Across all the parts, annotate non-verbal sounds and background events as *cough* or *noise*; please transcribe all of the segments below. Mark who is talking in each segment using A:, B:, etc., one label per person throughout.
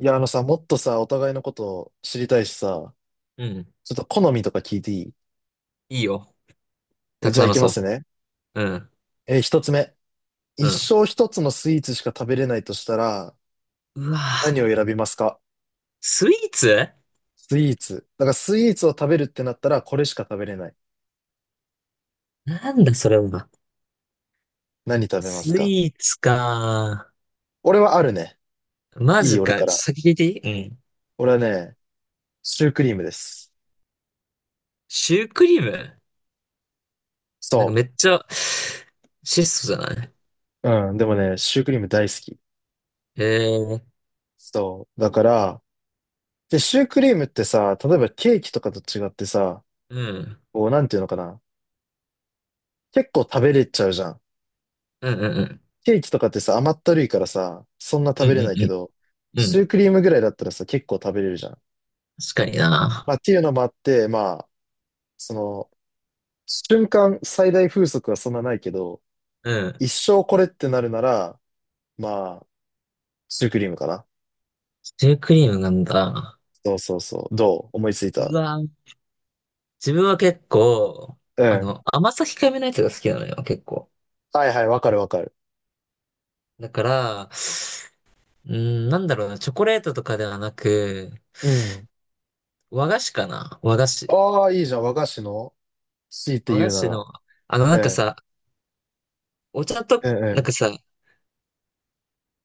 A: いや、あのさ、もっとさ、お互いのことを知りたいしさ、
B: うん。
A: ちょっと好みとか聞いていい？
B: いいよ。たく
A: じゃあ
B: さん
A: 行
B: の
A: きま
B: そ
A: すね。
B: う。うん。
A: 一つ目。
B: う
A: 一
B: ん。
A: 生一つのスイーツしか食べれないとしたら、
B: うわ
A: 何
B: ぁ。
A: を選びますか？
B: スイーツ。
A: スイーツ。だからスイーツを食べるってなったら、これしか食べれない。
B: なんだそれは。
A: 何食べま
B: ス
A: すか？
B: イーツか。
A: 俺はあるね。
B: マ
A: いい、
B: ジ
A: 俺
B: か。ちょっ
A: か
B: と
A: ら。
B: 先聞いていい。うん。
A: 俺はね、シュークリームです。
B: シュークリーム。なんか
A: そ
B: めっちゃ、質素じゃない。
A: う。うん、でもね、シュークリーム大好き。
B: えー、
A: そう。だから、で、シュークリームってさ、例えばケーキとかと違ってさ、
B: うん。
A: こう、なんていうのかな。結構食べれちゃうじゃん。
B: うんうんうん。
A: ケーキとかってさ、甘ったるいからさ、そんな食
B: う
A: べ
B: ん
A: れ
B: うん
A: ない
B: う
A: けど、
B: ん。う
A: シュー
B: ん。
A: クリームぐらいだったらさ、結構食べれるじゃん。
B: 確かにな。
A: まあっていうのもあって、まあ、その、瞬間最大風速はそんなないけど、
B: うん。
A: 一生これってなるなら、まあ、シュークリームかな。
B: シュークリームなんだ。
A: そうそうそう。どう思いつい
B: う
A: た？
B: わぁ。自分は結構、
A: うん。
B: 甘さ控えめなやつが好きなのよ、結構。
A: はいはい、わかるわかる。
B: だから、うーん、なんだろうな、チョコレートとかではなく、
A: うん。
B: 和菓子かな和菓子。
A: ああ、いいじゃん。和菓子の C って
B: 和
A: 言
B: 菓
A: うな
B: 子
A: ら。
B: の、なんか
A: うん。
B: さ、お茶と、
A: うんう
B: なん
A: ん。
B: かさ、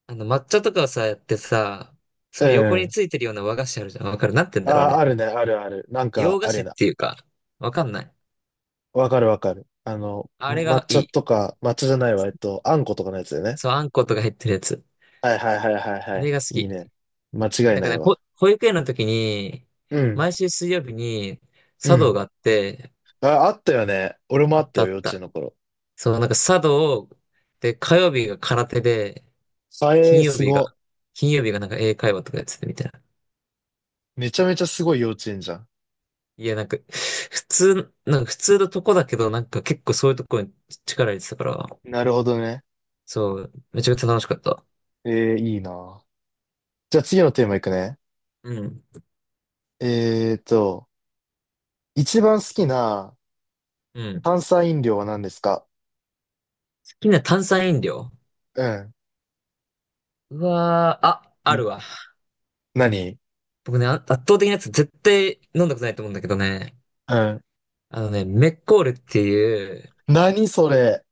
B: 抹茶とかをさ、やってさ、
A: う
B: その横
A: んう
B: に
A: ん。
B: ついてるような和菓子あるじゃん。わかる。なんて言うんだろう、あ
A: ああ、
B: れ。
A: あるね、あるある。なんか、
B: 洋菓
A: ある
B: 子
A: よ
B: っ
A: ね。
B: ていうか、わかんない。
A: わかるわかる。
B: あれ
A: 抹
B: がい
A: 茶
B: い。
A: とか、抹茶じゃないわ。あんことかのやつだよね。
B: そう、あんことか入ってるやつ。
A: はいはいはいはいは
B: あれ
A: い。
B: が好
A: いい
B: き。
A: ね。間違い
B: なん
A: な
B: か
A: い
B: ね、
A: わ。
B: 保育園の時に、
A: うん。
B: 毎週水曜日に、
A: う
B: 茶道
A: ん。
B: があって、
A: あ、あったよね。俺もあ
B: あ
A: っ
B: っ
A: た
B: たあ
A: よ、
B: っ
A: 幼稚園
B: た。
A: の頃。
B: そう、なんか茶道で、火曜日が空手で、
A: あえ
B: 金
A: ー、
B: 曜
A: す
B: 日が、
A: ご。
B: 金曜日がなんか英会話とかやってたみたいな。
A: めちゃめちゃすごい幼稚園じゃん。
B: いや、なんか、普通、なんか普通のとこだけど、なんか結構そういうとこに力入れてたから、
A: なるほどね。
B: そう、めちゃくちゃ楽しかった。
A: えー、いいな。じゃあ次のテーマいくね。
B: うん。
A: えーと、一番好きな
B: うん。好
A: 炭酸飲料は何ですか？
B: きな炭酸飲料。
A: うん。
B: うわー、あ、あ
A: い
B: るわ。
A: 何？
B: 僕ね、あ圧倒的なやつ絶対飲んだことないと思うんだけどね。
A: うん。
B: あのね、メッコールっていう、
A: 何それ？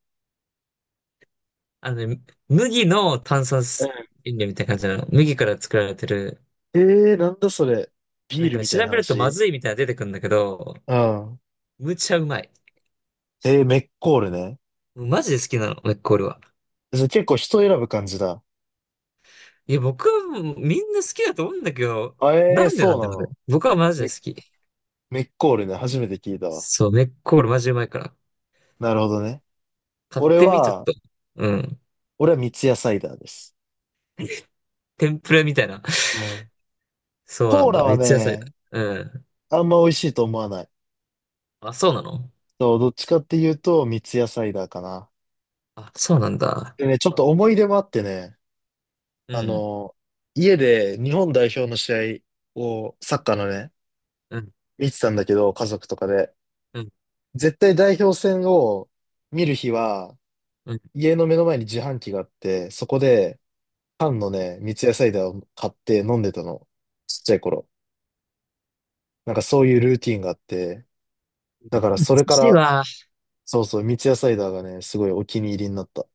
B: あのね、麦の炭酸
A: うん。
B: 飲料みたいな感じなの。麦から作られてる。
A: えー、なんだそれ。ビ
B: なん
A: ー
B: か
A: ル
B: ね、
A: み
B: 調
A: たい
B: べ
A: な
B: るとま
A: 話？
B: ずいみたいなの出てくるんだけど、
A: うん。
B: むちゃうまい。
A: えー、メッコールね。
B: マジで好きなの、メッコールは。
A: それ結構人選ぶ感じだ。
B: いや、僕はもうみんな好きだと思うんだけど、
A: あ、えー、
B: なんで
A: そ
B: な
A: う
B: ん
A: な
B: だろうね。
A: の。
B: 僕はマジで好
A: メ、
B: き。
A: メッコールね。初めて聞いたわ。
B: そう、メッコールマジうまいから。
A: なるほどね。
B: 買っ
A: 俺
B: てみ、ちょっ
A: は、
B: と。うん。
A: 俺は三ツ矢サイダーです。
B: 天ぷらみたいな。*laughs*
A: うん。
B: そうな
A: コー
B: んだ。
A: ラは
B: 三つ野菜だ。
A: ね、
B: うん。
A: あんま美味しいと思わない。
B: あ、そうなの。
A: そう、どっちかっていうと、三ツ矢サイダーかな。
B: あ、そうなんだ。
A: でね、ちょっと思い出もあってね、
B: う
A: あ
B: ん。
A: の、家で日本代表の試合を、サッカーのね、
B: うん。
A: 見てたんだけど、家族とかで。
B: うん。
A: 絶対代表戦を見る日は、
B: うん。
A: 家の目の前に自販機があって、そこで、缶のね、三ツ矢サイダーを買って飲んでたの。ちっちゃい頃。なんかそういうルーティンがあって、だ
B: 寿
A: からそれか
B: 司
A: ら、
B: は、
A: そうそう、三ツ矢サイダーがね、すごいお気に入りになった。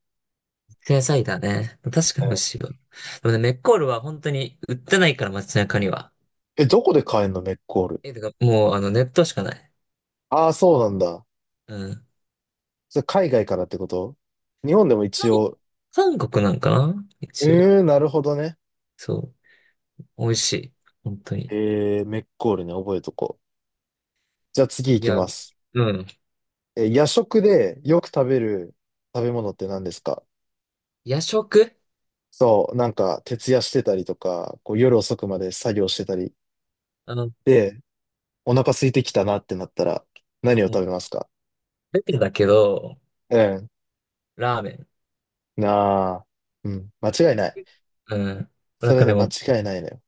B: 野菜だね。確か
A: う
B: に美味
A: ん。
B: しいわ。でもね、メッコールは本当に売ってないから、街中には。
A: どこで買えんの、メッコール？
B: え、てか、もう、ネットしかない。
A: ああ、そうなんだ。
B: うん。
A: それ海外からってこと？日本でも一応、
B: 韓国なんかな
A: う
B: 一応。
A: ーん、なるほどね。
B: そう。美味しい。本当に。
A: えー、メッコールね、覚えとこう。じゃあ次行
B: い
A: き
B: や、
A: ます。
B: うん。
A: 夜食でよく食べる食べ物って何ですか？
B: 夜食。
A: そう、なんか、徹夜してたりとか、こう夜遅くまで作業してたり。
B: あの、
A: で、お腹空いてきたなってなったら、何を
B: う
A: 食
B: ん。
A: べますか？
B: 出てだけど、
A: *laughs* うん。
B: ラーメン。
A: なあ。うん。間違いない。
B: うん。な
A: そ
B: ん
A: れ
B: かで
A: ね、間
B: も、
A: 違いないのよ。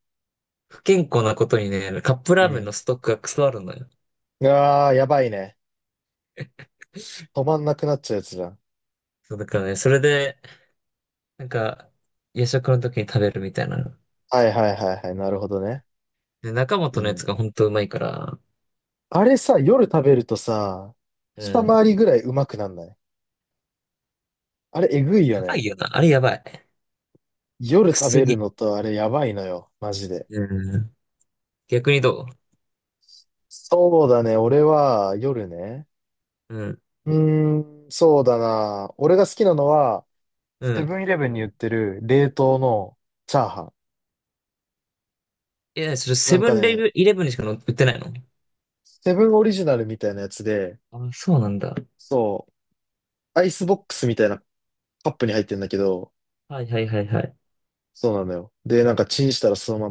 B: 不健康なことにね、カップ
A: う
B: ラーメン
A: ん。
B: のストックがクソあるのよ。
A: うわあ、やばいね。止まんなくなっちゃうやつじゃん。
B: そうだからね、それで、なんか、夜食の時に食べるみたいな。
A: はいはいはいはい。なるほどね。
B: で、中本
A: いい
B: のや
A: ね。
B: つが本当うまいから、
A: あれさ、夜食べるとさ、
B: う
A: 二
B: ん。
A: 回りぐらいうまくなんない？あれ、えぐいよ
B: やば
A: ね。
B: いよな。あれやばい。
A: 夜食べる
B: 薬。
A: のとあれ、やばいのよ。マジで。
B: うん。逆にどう。
A: そうだね。俺は、夜ね。
B: うん。
A: うーん、そうだな。俺が好きなのは、
B: う
A: セブ
B: ん。
A: ンイレブンに売ってる冷凍のチャーハン。
B: いや、それ
A: な
B: セ
A: ん
B: ブ
A: か
B: ン
A: ね、
B: イレブンにしか売ってないの。
A: セブンオリジナルみたいなやつで、
B: あ、そうなんだ。
A: そう、アイスボックスみたいなカップに入ってんだけど、
B: はいはいはいはい。
A: そうなのよ。で、なんかチンしたらそのま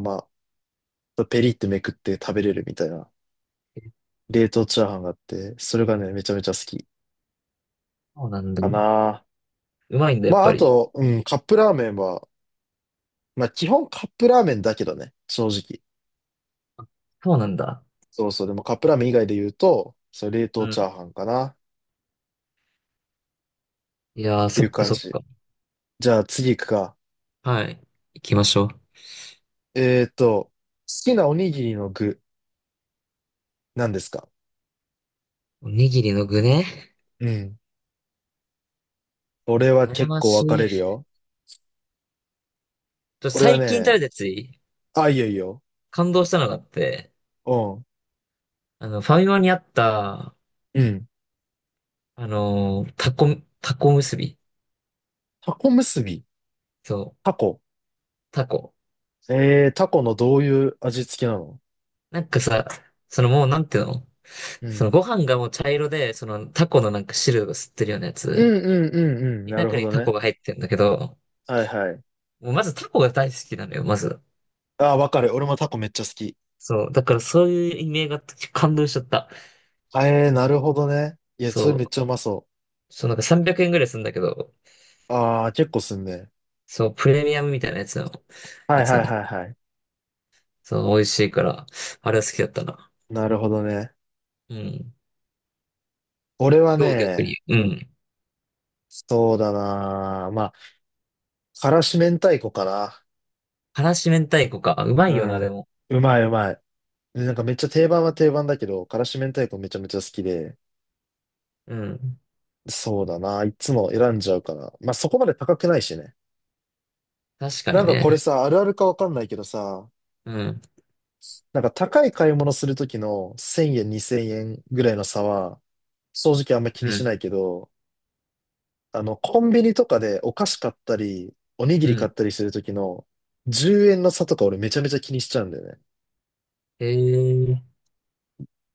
A: ま、ペリってめくって食べれるみたいな、冷凍チャーハンがあって、それがね、めちゃめちゃ好き
B: そうなんだ。
A: か
B: う
A: な。
B: まいんだ、や
A: ま
B: っ
A: あ、
B: ぱ
A: あ
B: り。
A: と、うん、カップラーメンは、まあ、基本カップラーメンだけどね、正直。
B: あ、そうなんだ。
A: そうそう、でもカップラーメン以外で言うと、それ冷
B: う
A: 凍チャ
B: ん。
A: ーハンかな。
B: いやー、
A: てい
B: そ
A: う
B: っか
A: 感
B: そっ
A: じ。
B: か。
A: じゃあ次行くか。
B: はい。行きましょう。
A: 好きなおにぎりの具、何ですか？
B: おにぎりの具ね。
A: うん。俺は
B: 悩
A: 結
B: ま
A: 構
B: し
A: 分か
B: い。
A: れるよ。俺は
B: 最近食べ
A: ね、
B: たやついい？
A: あ、いいよいいよ。
B: 感動したのがあって、
A: うん。
B: ファミマにあった、
A: うん。
B: タコ、タコ結び。
A: タコ結び。
B: そ
A: タ
B: う、
A: コ。
B: タコ。
A: えー、タコのどういう味付けなの？
B: なんかさ、そのもうなんていうの。
A: う
B: その
A: ん。
B: ご飯がもう茶色で、そのタコのなんか汁を吸ってるようなや
A: う
B: つ。
A: んうんうんうん。なる
B: 中
A: ほ
B: に
A: ど
B: タコ
A: ね。
B: が入ってるんだけど、
A: はいはい。
B: もうまずタコが大好きなのよ、まず。
A: あー、分かる。俺もタコめっちゃ好き。
B: そう。だからそういう意味ージがあって感動しちゃった。
A: えー、なるほどね。いや、それ
B: そ
A: めっ
B: う。
A: ちゃうまそ
B: そう、なんか300円ぐらいするんだけど、
A: う。あー、結構すんね。
B: そう、プレミアムみたいなやつの、
A: は
B: や
A: い
B: つな
A: は
B: ん
A: い
B: だ
A: は
B: け
A: い
B: ど、
A: はい。
B: そう、美味しいから、あれは好きだったな。
A: なるほどね。
B: うん。
A: 俺は
B: どう逆
A: ね、
B: に。うん。
A: そうだな。まあ、からし明太子かな。
B: 辛子明太子か。うま
A: う
B: いよな、で
A: ん。
B: も。
A: うまいうまい。で、なんかめっちゃ定番は定番だけど、からし明太子めちゃめちゃ好きで。
B: うん。
A: そうだな。いつも選んじゃうから。まあそこまで高くないしね。
B: 確か
A: な
B: に
A: んかこれ
B: ね。
A: さ、あるあるかわかんないけどさ、
B: うん。
A: なんか高い買い物するときの1000円、2000円ぐらいの差は、正直あんま気に
B: う
A: し
B: ん。
A: ないけど、コンビニとかでお菓子買ったり、おにぎ
B: う
A: り買っ
B: ん。
A: たりするときの10円の差とか俺めちゃめちゃ気にしちゃうんだよね。
B: えー、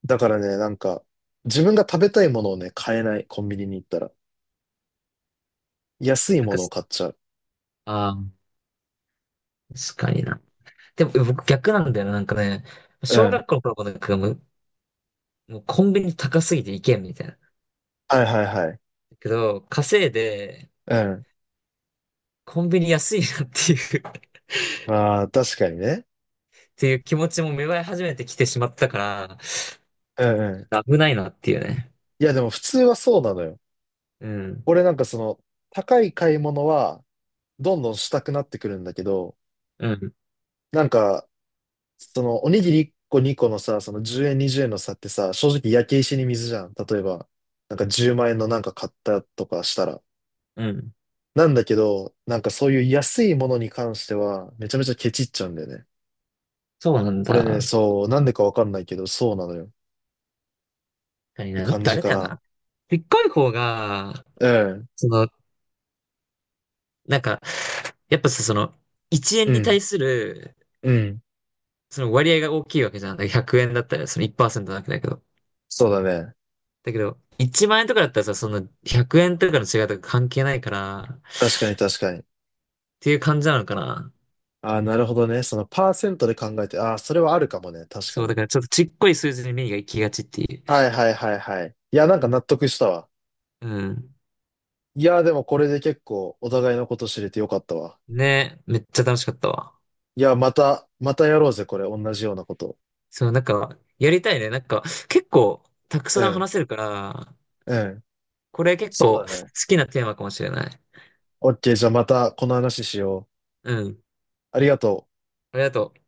A: だからね、なんか、自分が食べたいものをね、買えない、コンビニに行ったら。安い
B: なん
A: も
B: か
A: のを
B: す、
A: 買っちゃう。
B: あー、確かにな。でも、僕逆なんだよな。なんかね、
A: う
B: 小
A: ん。
B: 学校の頃もなんかもうコンビニ高すぎて行けんみたいな。だ
A: はいはいはい。
B: けど、稼いで、
A: うん。
B: コンビニ安いなっていう *laughs* っ
A: ああ、確かにね。
B: ていう気持ちも芽生え始めてきてしまったか
A: うんうん。
B: ら、危ないなっていうね。
A: いや、でも普通はそうなのよ。
B: うん。
A: 俺なんかその、高い買い物は、どんどんしたくなってくるんだけど、
B: うん。
A: なんか、その、おにぎり1個2個のさ、その10円20円の差ってさ、正直焼け石に水じゃん。例えば、なんか10万円のなんか買ったとかしたら。
B: うん。
A: なんだけど、なんかそういう安いものに関しては、めちゃめちゃケチっちゃうんだよね。
B: そうなん
A: これね、
B: だ。
A: そう、なんでかわかんないけど、そうなのよ。っ
B: 確かに
A: て
B: な。なん
A: 感
B: かあ
A: じ
B: れ
A: か
B: だよ
A: な。
B: な。でっかい方が、
A: うん。
B: その、なんか、やっぱさ、その、1
A: う
B: 円に
A: ん。
B: 対する、
A: うん。
B: その割合が大きいわけじゃん。だから100円だったら、その1%なわけだけど。
A: そうだね。
B: だけど、1万円とかだったらさ、その100円とかの違いとか関係ないから、っ
A: 確かに確かに。
B: ていう感じなのかな。
A: ああ、なるほどね。そのパーセントで考えて、ああ、それはあるかもね。確か
B: そう、
A: に。
B: だからちょっとちっこい数字に目が行きがちっていう。
A: はいはいはいはい。いや、なんか納得したわ。
B: うん。
A: いや、でもこれで結構お互いのこと知れてよかったわ。
B: ね、めっちゃ楽しかったわ。
A: いや、またやろうぜ、これ。同じようなこと。
B: そう、なんか、やりたいね。なんか、結構、たく
A: う
B: さん
A: ん。
B: 話せるから、
A: うん。
B: これ結構
A: そ
B: 好
A: うだね。
B: きなテーマかもしれない。
A: オッケー、じゃあまたこの話しよ
B: うん。
A: う。ありがとう。
B: ありがとう。